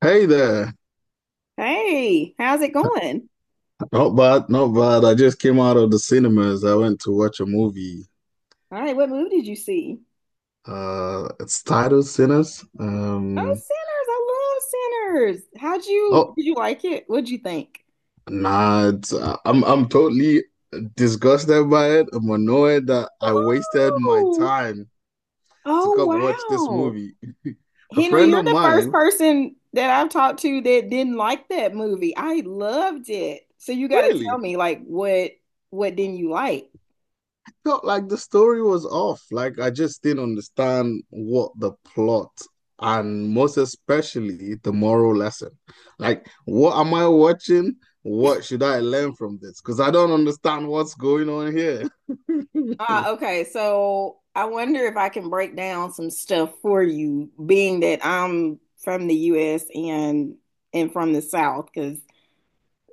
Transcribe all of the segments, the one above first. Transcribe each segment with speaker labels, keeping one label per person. Speaker 1: Hey there.
Speaker 2: Hey, how's it going?
Speaker 1: Not bad, not bad. I just came out of the cinemas. I went to watch a movie.
Speaker 2: All right, what movie did you see?
Speaker 1: It's titled Sinners.
Speaker 2: Oh, Sinners. I love Sinners. How'd you
Speaker 1: Oh,
Speaker 2: did you like it? What'd you think?
Speaker 1: nah, it's, I'm totally disgusted by it. I'm annoyed that I wasted my
Speaker 2: Oh,
Speaker 1: time to
Speaker 2: oh,
Speaker 1: come watch this
Speaker 2: wow.
Speaker 1: movie. A
Speaker 2: Henry,
Speaker 1: friend
Speaker 2: you're
Speaker 1: of
Speaker 2: the first
Speaker 1: mine,
Speaker 2: person that I've talked to that didn't like that movie. I loved it. So you got to tell
Speaker 1: really?
Speaker 2: me, like, what didn't you like?
Speaker 1: Felt like the story was off. Like I just didn't understand what the plot, and most especially the moral lesson. Like, what am I watching? What should I learn from this? Because I don't understand what's going on here.
Speaker 2: Ah, okay. So I wonder if I can break down some stuff for you, being that I'm from the US and from the South, because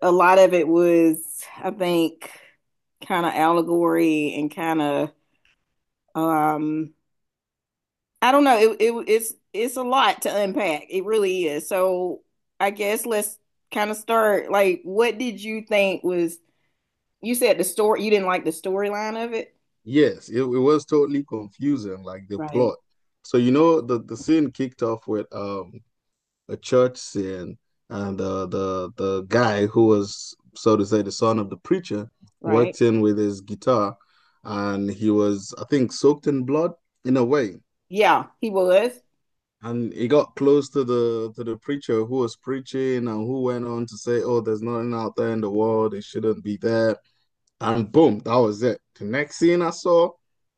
Speaker 2: a lot of it was, I think, kind of allegory and kind of um I don't know. It's a lot to unpack. It really is. So I guess let's kind of start. Like, what did you think was you said the story, you didn't like the storyline of it?
Speaker 1: Yes, it was totally confusing, like the
Speaker 2: Right.
Speaker 1: plot. So you know, the scene kicked off with a church sin, and the guy who was, so to say, the son of the preacher,
Speaker 2: Right.
Speaker 1: walked in with his guitar, and he was, I think, soaked in blood in a way,
Speaker 2: Yeah, he was.
Speaker 1: and he got close to the preacher who was preaching and who went on to say, "Oh, there's nothing out there in the world; it shouldn't be there." And boom, that was it. The next scene I saw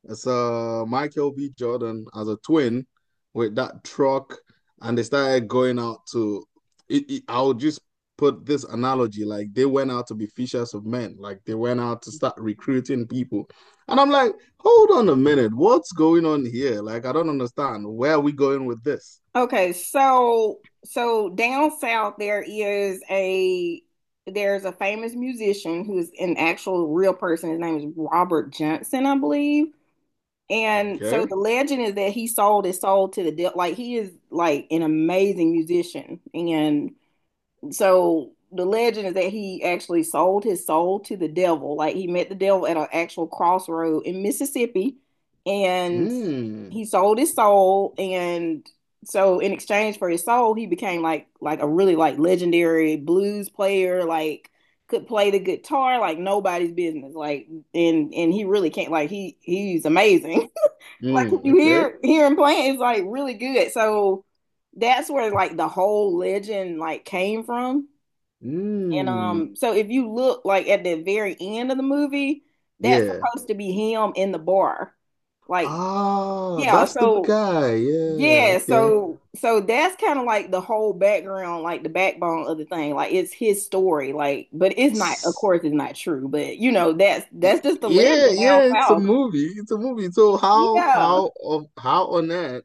Speaker 1: is Michael B. Jordan as a twin with that truck, and they started going out to. I'll just put this analogy: like they went out to be fishers of men, like they went out to start recruiting people, and I'm like, hold on a minute, what's going on here? Like I don't understand. Where are we going with this?
Speaker 2: Okay, so down south there is a there's a famous musician who's an actual real person. His name is Robert Johnson, I believe. And so
Speaker 1: Okay.
Speaker 2: the legend is that he sold his soul to the devil. Like, he is like an amazing musician, and so the legend is that he actually sold his soul to the devil. Like, he met the devil at an actual crossroad in Mississippi, and
Speaker 1: Mm.
Speaker 2: he sold his soul. And so in exchange for his soul, he became like a really, like, legendary blues player. Like, could play the guitar like nobody's business. Like, and he really can't. Like, he's amazing. Like, if
Speaker 1: Mm.
Speaker 2: you
Speaker 1: Okay.
Speaker 2: hear him playing, it's like really good. So that's where, like, the whole legend, like, came from. And
Speaker 1: Mm.
Speaker 2: so if you look, like, at the very end of the movie, that's
Speaker 1: Yeah.
Speaker 2: supposed to be him in the bar. Like,
Speaker 1: Ah,
Speaker 2: yeah,
Speaker 1: that's the
Speaker 2: so
Speaker 1: guy. Yeah,
Speaker 2: yeah,
Speaker 1: okay.
Speaker 2: so that's kind of like the whole background, like the backbone of the thing. Like, it's his story, like, but it's not, of
Speaker 1: S-
Speaker 2: course, it's not true, but, you know, that's just the legend
Speaker 1: Yeah,
Speaker 2: down
Speaker 1: yeah, it's a
Speaker 2: south.
Speaker 1: movie. It's a movie. So how
Speaker 2: Yeah.
Speaker 1: how of how on earth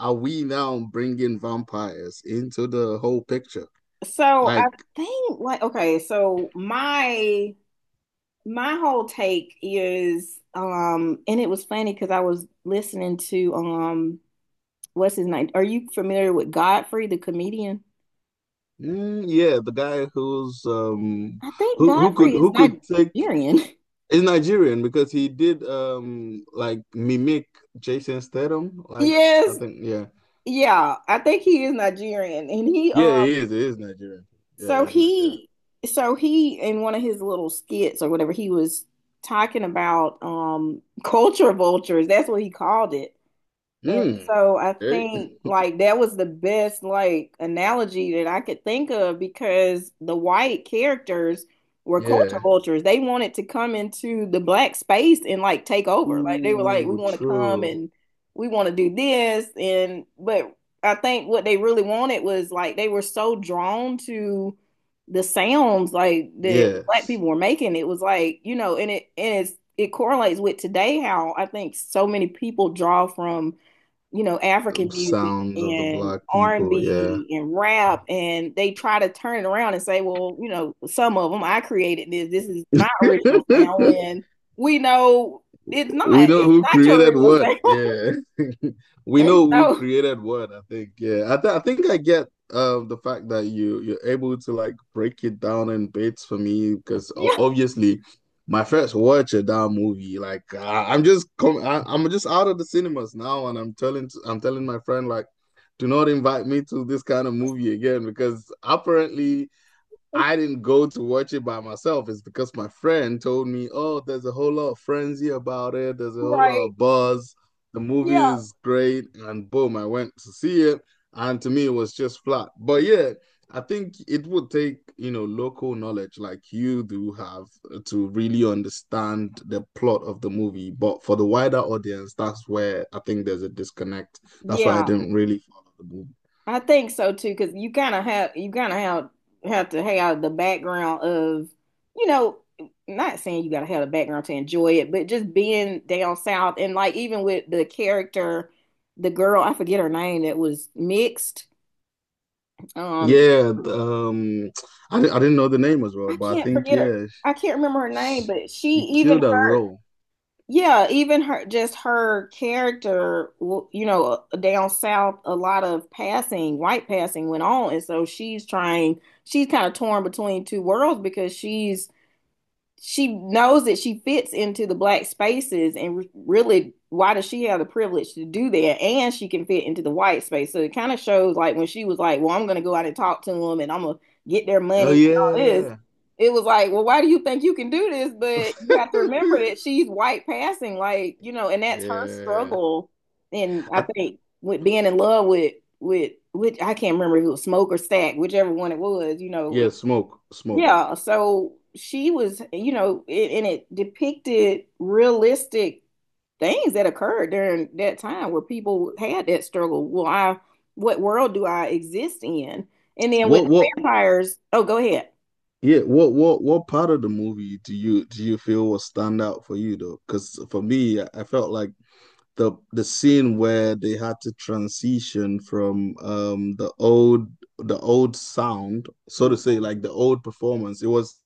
Speaker 1: are we now bringing vampires into the whole picture?
Speaker 2: So I
Speaker 1: Like,
Speaker 2: think, like, okay, so my whole take is and it was funny because I was listening to what's his name? Are you familiar with Godfrey, the comedian?
Speaker 1: mm, yeah, the guy who's um
Speaker 2: I think
Speaker 1: who who could
Speaker 2: Godfrey is
Speaker 1: who could take
Speaker 2: Nigerian.
Speaker 1: is Nigerian because he did like mimic Jason Statham. Like, I
Speaker 2: Yes,
Speaker 1: think yeah,
Speaker 2: yeah, I think he is Nigerian. And he
Speaker 1: yeah, he is. He is Nigerian. Yeah,
Speaker 2: so
Speaker 1: he's Nigerian.
Speaker 2: he so he in one of his little skits or whatever, he was talking about culture vultures. That's what he called it. And
Speaker 1: Mm.
Speaker 2: so I
Speaker 1: Hey.
Speaker 2: think, like, that was the best, like, analogy that I could think of, because the white characters were culture
Speaker 1: Yeah.
Speaker 2: vultures. They wanted to come into the black space and, like, take over. Like, they were like, we
Speaker 1: Ooh,
Speaker 2: want to come
Speaker 1: true.
Speaker 2: and we want to do this. And but I think what they really wanted was, like, they were so drawn to the sounds, like, that black
Speaker 1: Yes.
Speaker 2: people were making. It was like, you know, and it and it's it correlates with today, how I think so many people draw from, you know, African music
Speaker 1: Sounds of the
Speaker 2: and
Speaker 1: black
Speaker 2: R&B
Speaker 1: people.
Speaker 2: and
Speaker 1: Yeah.
Speaker 2: B and rap, and they try to turn it around and say, well, you know, some of them, I created this. This is my original sound, and we know it's
Speaker 1: We
Speaker 2: not.
Speaker 1: know
Speaker 2: It's
Speaker 1: who
Speaker 2: not your
Speaker 1: created
Speaker 2: original
Speaker 1: what.
Speaker 2: sound.
Speaker 1: Yeah. We
Speaker 2: and
Speaker 1: know who
Speaker 2: so,
Speaker 1: created what, I think. Yeah. I think I get the fact that you you're able to like break it down in bits for me because
Speaker 2: yeah,
Speaker 1: obviously my first watch of that movie, like I, I'm just com I, I'm just out of the cinemas now, and I'm telling my friend, like, do not invite me to this kind of movie again, because apparently I didn't go to watch it by myself. It's because my friend told me, oh, there's a whole lot of frenzy about it. There's a whole lot
Speaker 2: right,
Speaker 1: of buzz. The movie
Speaker 2: yeah,
Speaker 1: is great. And boom, I went to see it. And to me, it was just flat. But yeah, I think it would take, you know, local knowledge like you do have to really understand the plot of the movie. But for the wider audience, that's where I think there's a disconnect. That's why I
Speaker 2: yeah.
Speaker 1: didn't really follow the movie.
Speaker 2: I think so too, because you kind of have to have the background of, you know, not saying you got to have a background to enjoy it, but just being down south, and, like, even with the character, the girl, I forget her name, that was mixed. Um,
Speaker 1: Yeah, I didn't know the name as well,
Speaker 2: I
Speaker 1: but I
Speaker 2: can't
Speaker 1: think
Speaker 2: forget her.
Speaker 1: yeah,
Speaker 2: I can't remember her
Speaker 1: she,
Speaker 2: name, but she
Speaker 1: she
Speaker 2: even
Speaker 1: killed that
Speaker 2: her
Speaker 1: role.
Speaker 2: yeah, even her, just her character, down south, a lot of passing, white passing went on. And so she's trying, she's kind of torn between two worlds, because she knows that she fits into the black spaces, and really, why does she have the privilege to do that? And she can fit into the white space, so it kind of shows, like, when she was like, well, I'm gonna go out and talk to them, and I'm gonna get their
Speaker 1: Oh
Speaker 2: money and all this.
Speaker 1: yeah,
Speaker 2: It was like, well, why do you think you can do this? But you have to remember that she's white passing, like, you know, and that's her
Speaker 1: yeah,
Speaker 2: struggle. And I
Speaker 1: I,
Speaker 2: think with being in love with which, I can't remember if it was Smoke or Stack, whichever one it was.
Speaker 1: yeah. Smoke, smoke.
Speaker 2: Yeah, so she was, you know, and it depicted realistic things that occurred during that time where people had that struggle. Well, what world do I exist in? And then with
Speaker 1: What,
Speaker 2: the
Speaker 1: what?
Speaker 2: vampires, oh, go ahead.
Speaker 1: Yeah, what part of the movie do you feel will stand out for you, though? Because for me, I felt like the scene where they had to transition from the old sound, so to
Speaker 2: Hmm.
Speaker 1: say, like the old performance. It was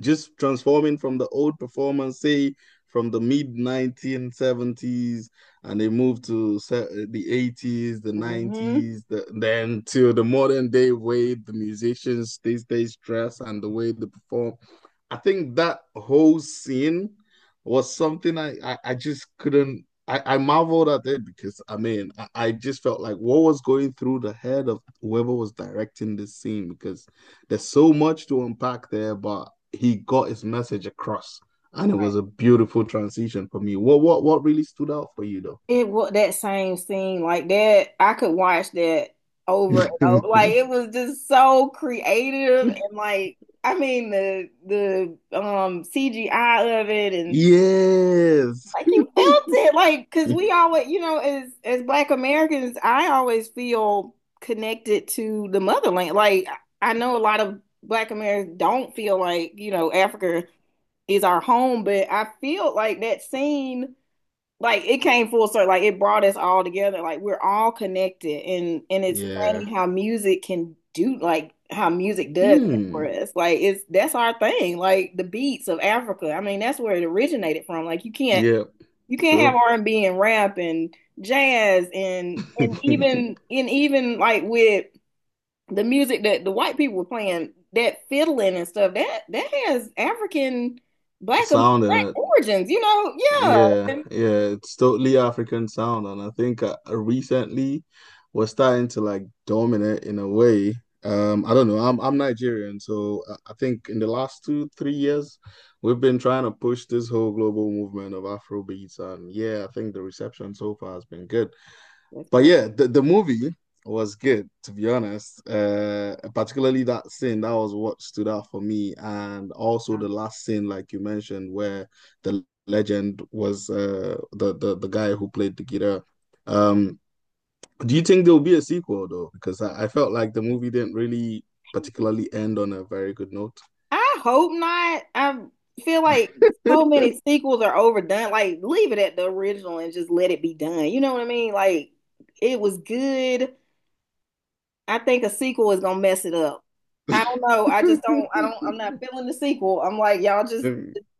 Speaker 1: just transforming from the old performance, say from the mid 1970s, and they moved to the 80s, the 90s, then to the modern day way the musicians these days dress and the way they perform. I think that whole scene was something I just couldn't. I marveled at it, because I mean I just felt like, what was going through the head of whoever was directing this scene? Because there's so much to unpack there, but he got his message across, and it was a
Speaker 2: Right.
Speaker 1: beautiful transition for me. What really stood out for you, though?
Speaker 2: It was that same scene, like that. I could watch that over and over. Like, it was just so creative, and, like, I mean, the CGI of it. And,
Speaker 1: Yes.
Speaker 2: like, you felt it, like, because we always, you know, as black Americans, I always feel connected to the motherland. Like, I know a lot of black Americans don't feel like, Africa is our home, but I feel like that scene, like, it came full circle, like it brought us all together. Like, we're all connected. And it's
Speaker 1: Yeah.
Speaker 2: funny how music can do, like how music does that for
Speaker 1: Hmm.
Speaker 2: us. Like, it's that's our thing. Like the beats of Africa, I mean, that's where it originated from. Like, you can't
Speaker 1: Yeah.
Speaker 2: you can't have
Speaker 1: True.
Speaker 2: R&B and rap and jazz and and even and even like with the music that the white people were playing, that fiddling and stuff, that has African black
Speaker 1: Sound and
Speaker 2: black
Speaker 1: a
Speaker 2: origins, you know? Yeah.
Speaker 1: yeah,
Speaker 2: And
Speaker 1: yeah, it's totally African sound, and I think recently we're starting to like dominate in a way. I don't know. I'm Nigerian, so I think in the last two, 3 years, we've been trying to push this whole global movement of Afrobeats, and yeah, I think the reception so far has been good.
Speaker 2: That's
Speaker 1: But
Speaker 2: great.
Speaker 1: yeah, the movie was good, to be honest. Particularly that scene, that was what stood out for me. And also
Speaker 2: Yeah.
Speaker 1: the last scene, like you mentioned, where the legend was the guy who played the guitar. Um, do you think there'll be a sequel, though? Because I felt like the movie didn't really particularly end on a very good note.
Speaker 2: I hope not. I feel like so many sequels are overdone. Like, leave it at the original and just let it be done. You know what I mean? Like, it was good. I think a sequel is gonna mess it up. I don't know. I just don't. I don't. I'm not feeling the sequel. I'm like, y'all just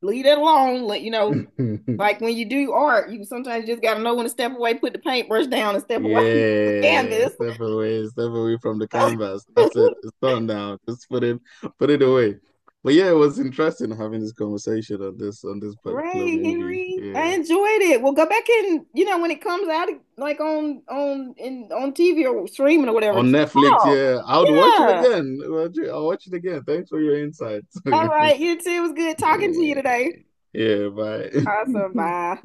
Speaker 2: leave it alone. Like when you do art, you sometimes just gotta know when to step away, put the paintbrush down, and step away from the
Speaker 1: Yeah,
Speaker 2: canvas.
Speaker 1: step away from the canvas. That's it. It's done now. Just put it away. But yeah, it was interesting having this conversation on this particular
Speaker 2: Right,
Speaker 1: movie.
Speaker 2: Henry. I
Speaker 1: Yeah,
Speaker 2: enjoyed it. Well, go back and, you know, when it comes out, like on in on TV or streaming or whatever.
Speaker 1: on Netflix.
Speaker 2: Oh,
Speaker 1: Yeah, I would watch it again. I'll watch it again. Thanks for your insights.
Speaker 2: yeah. All right. You too. It was good talking to you today.
Speaker 1: Yeah,
Speaker 2: Awesome.
Speaker 1: bye.
Speaker 2: Bye.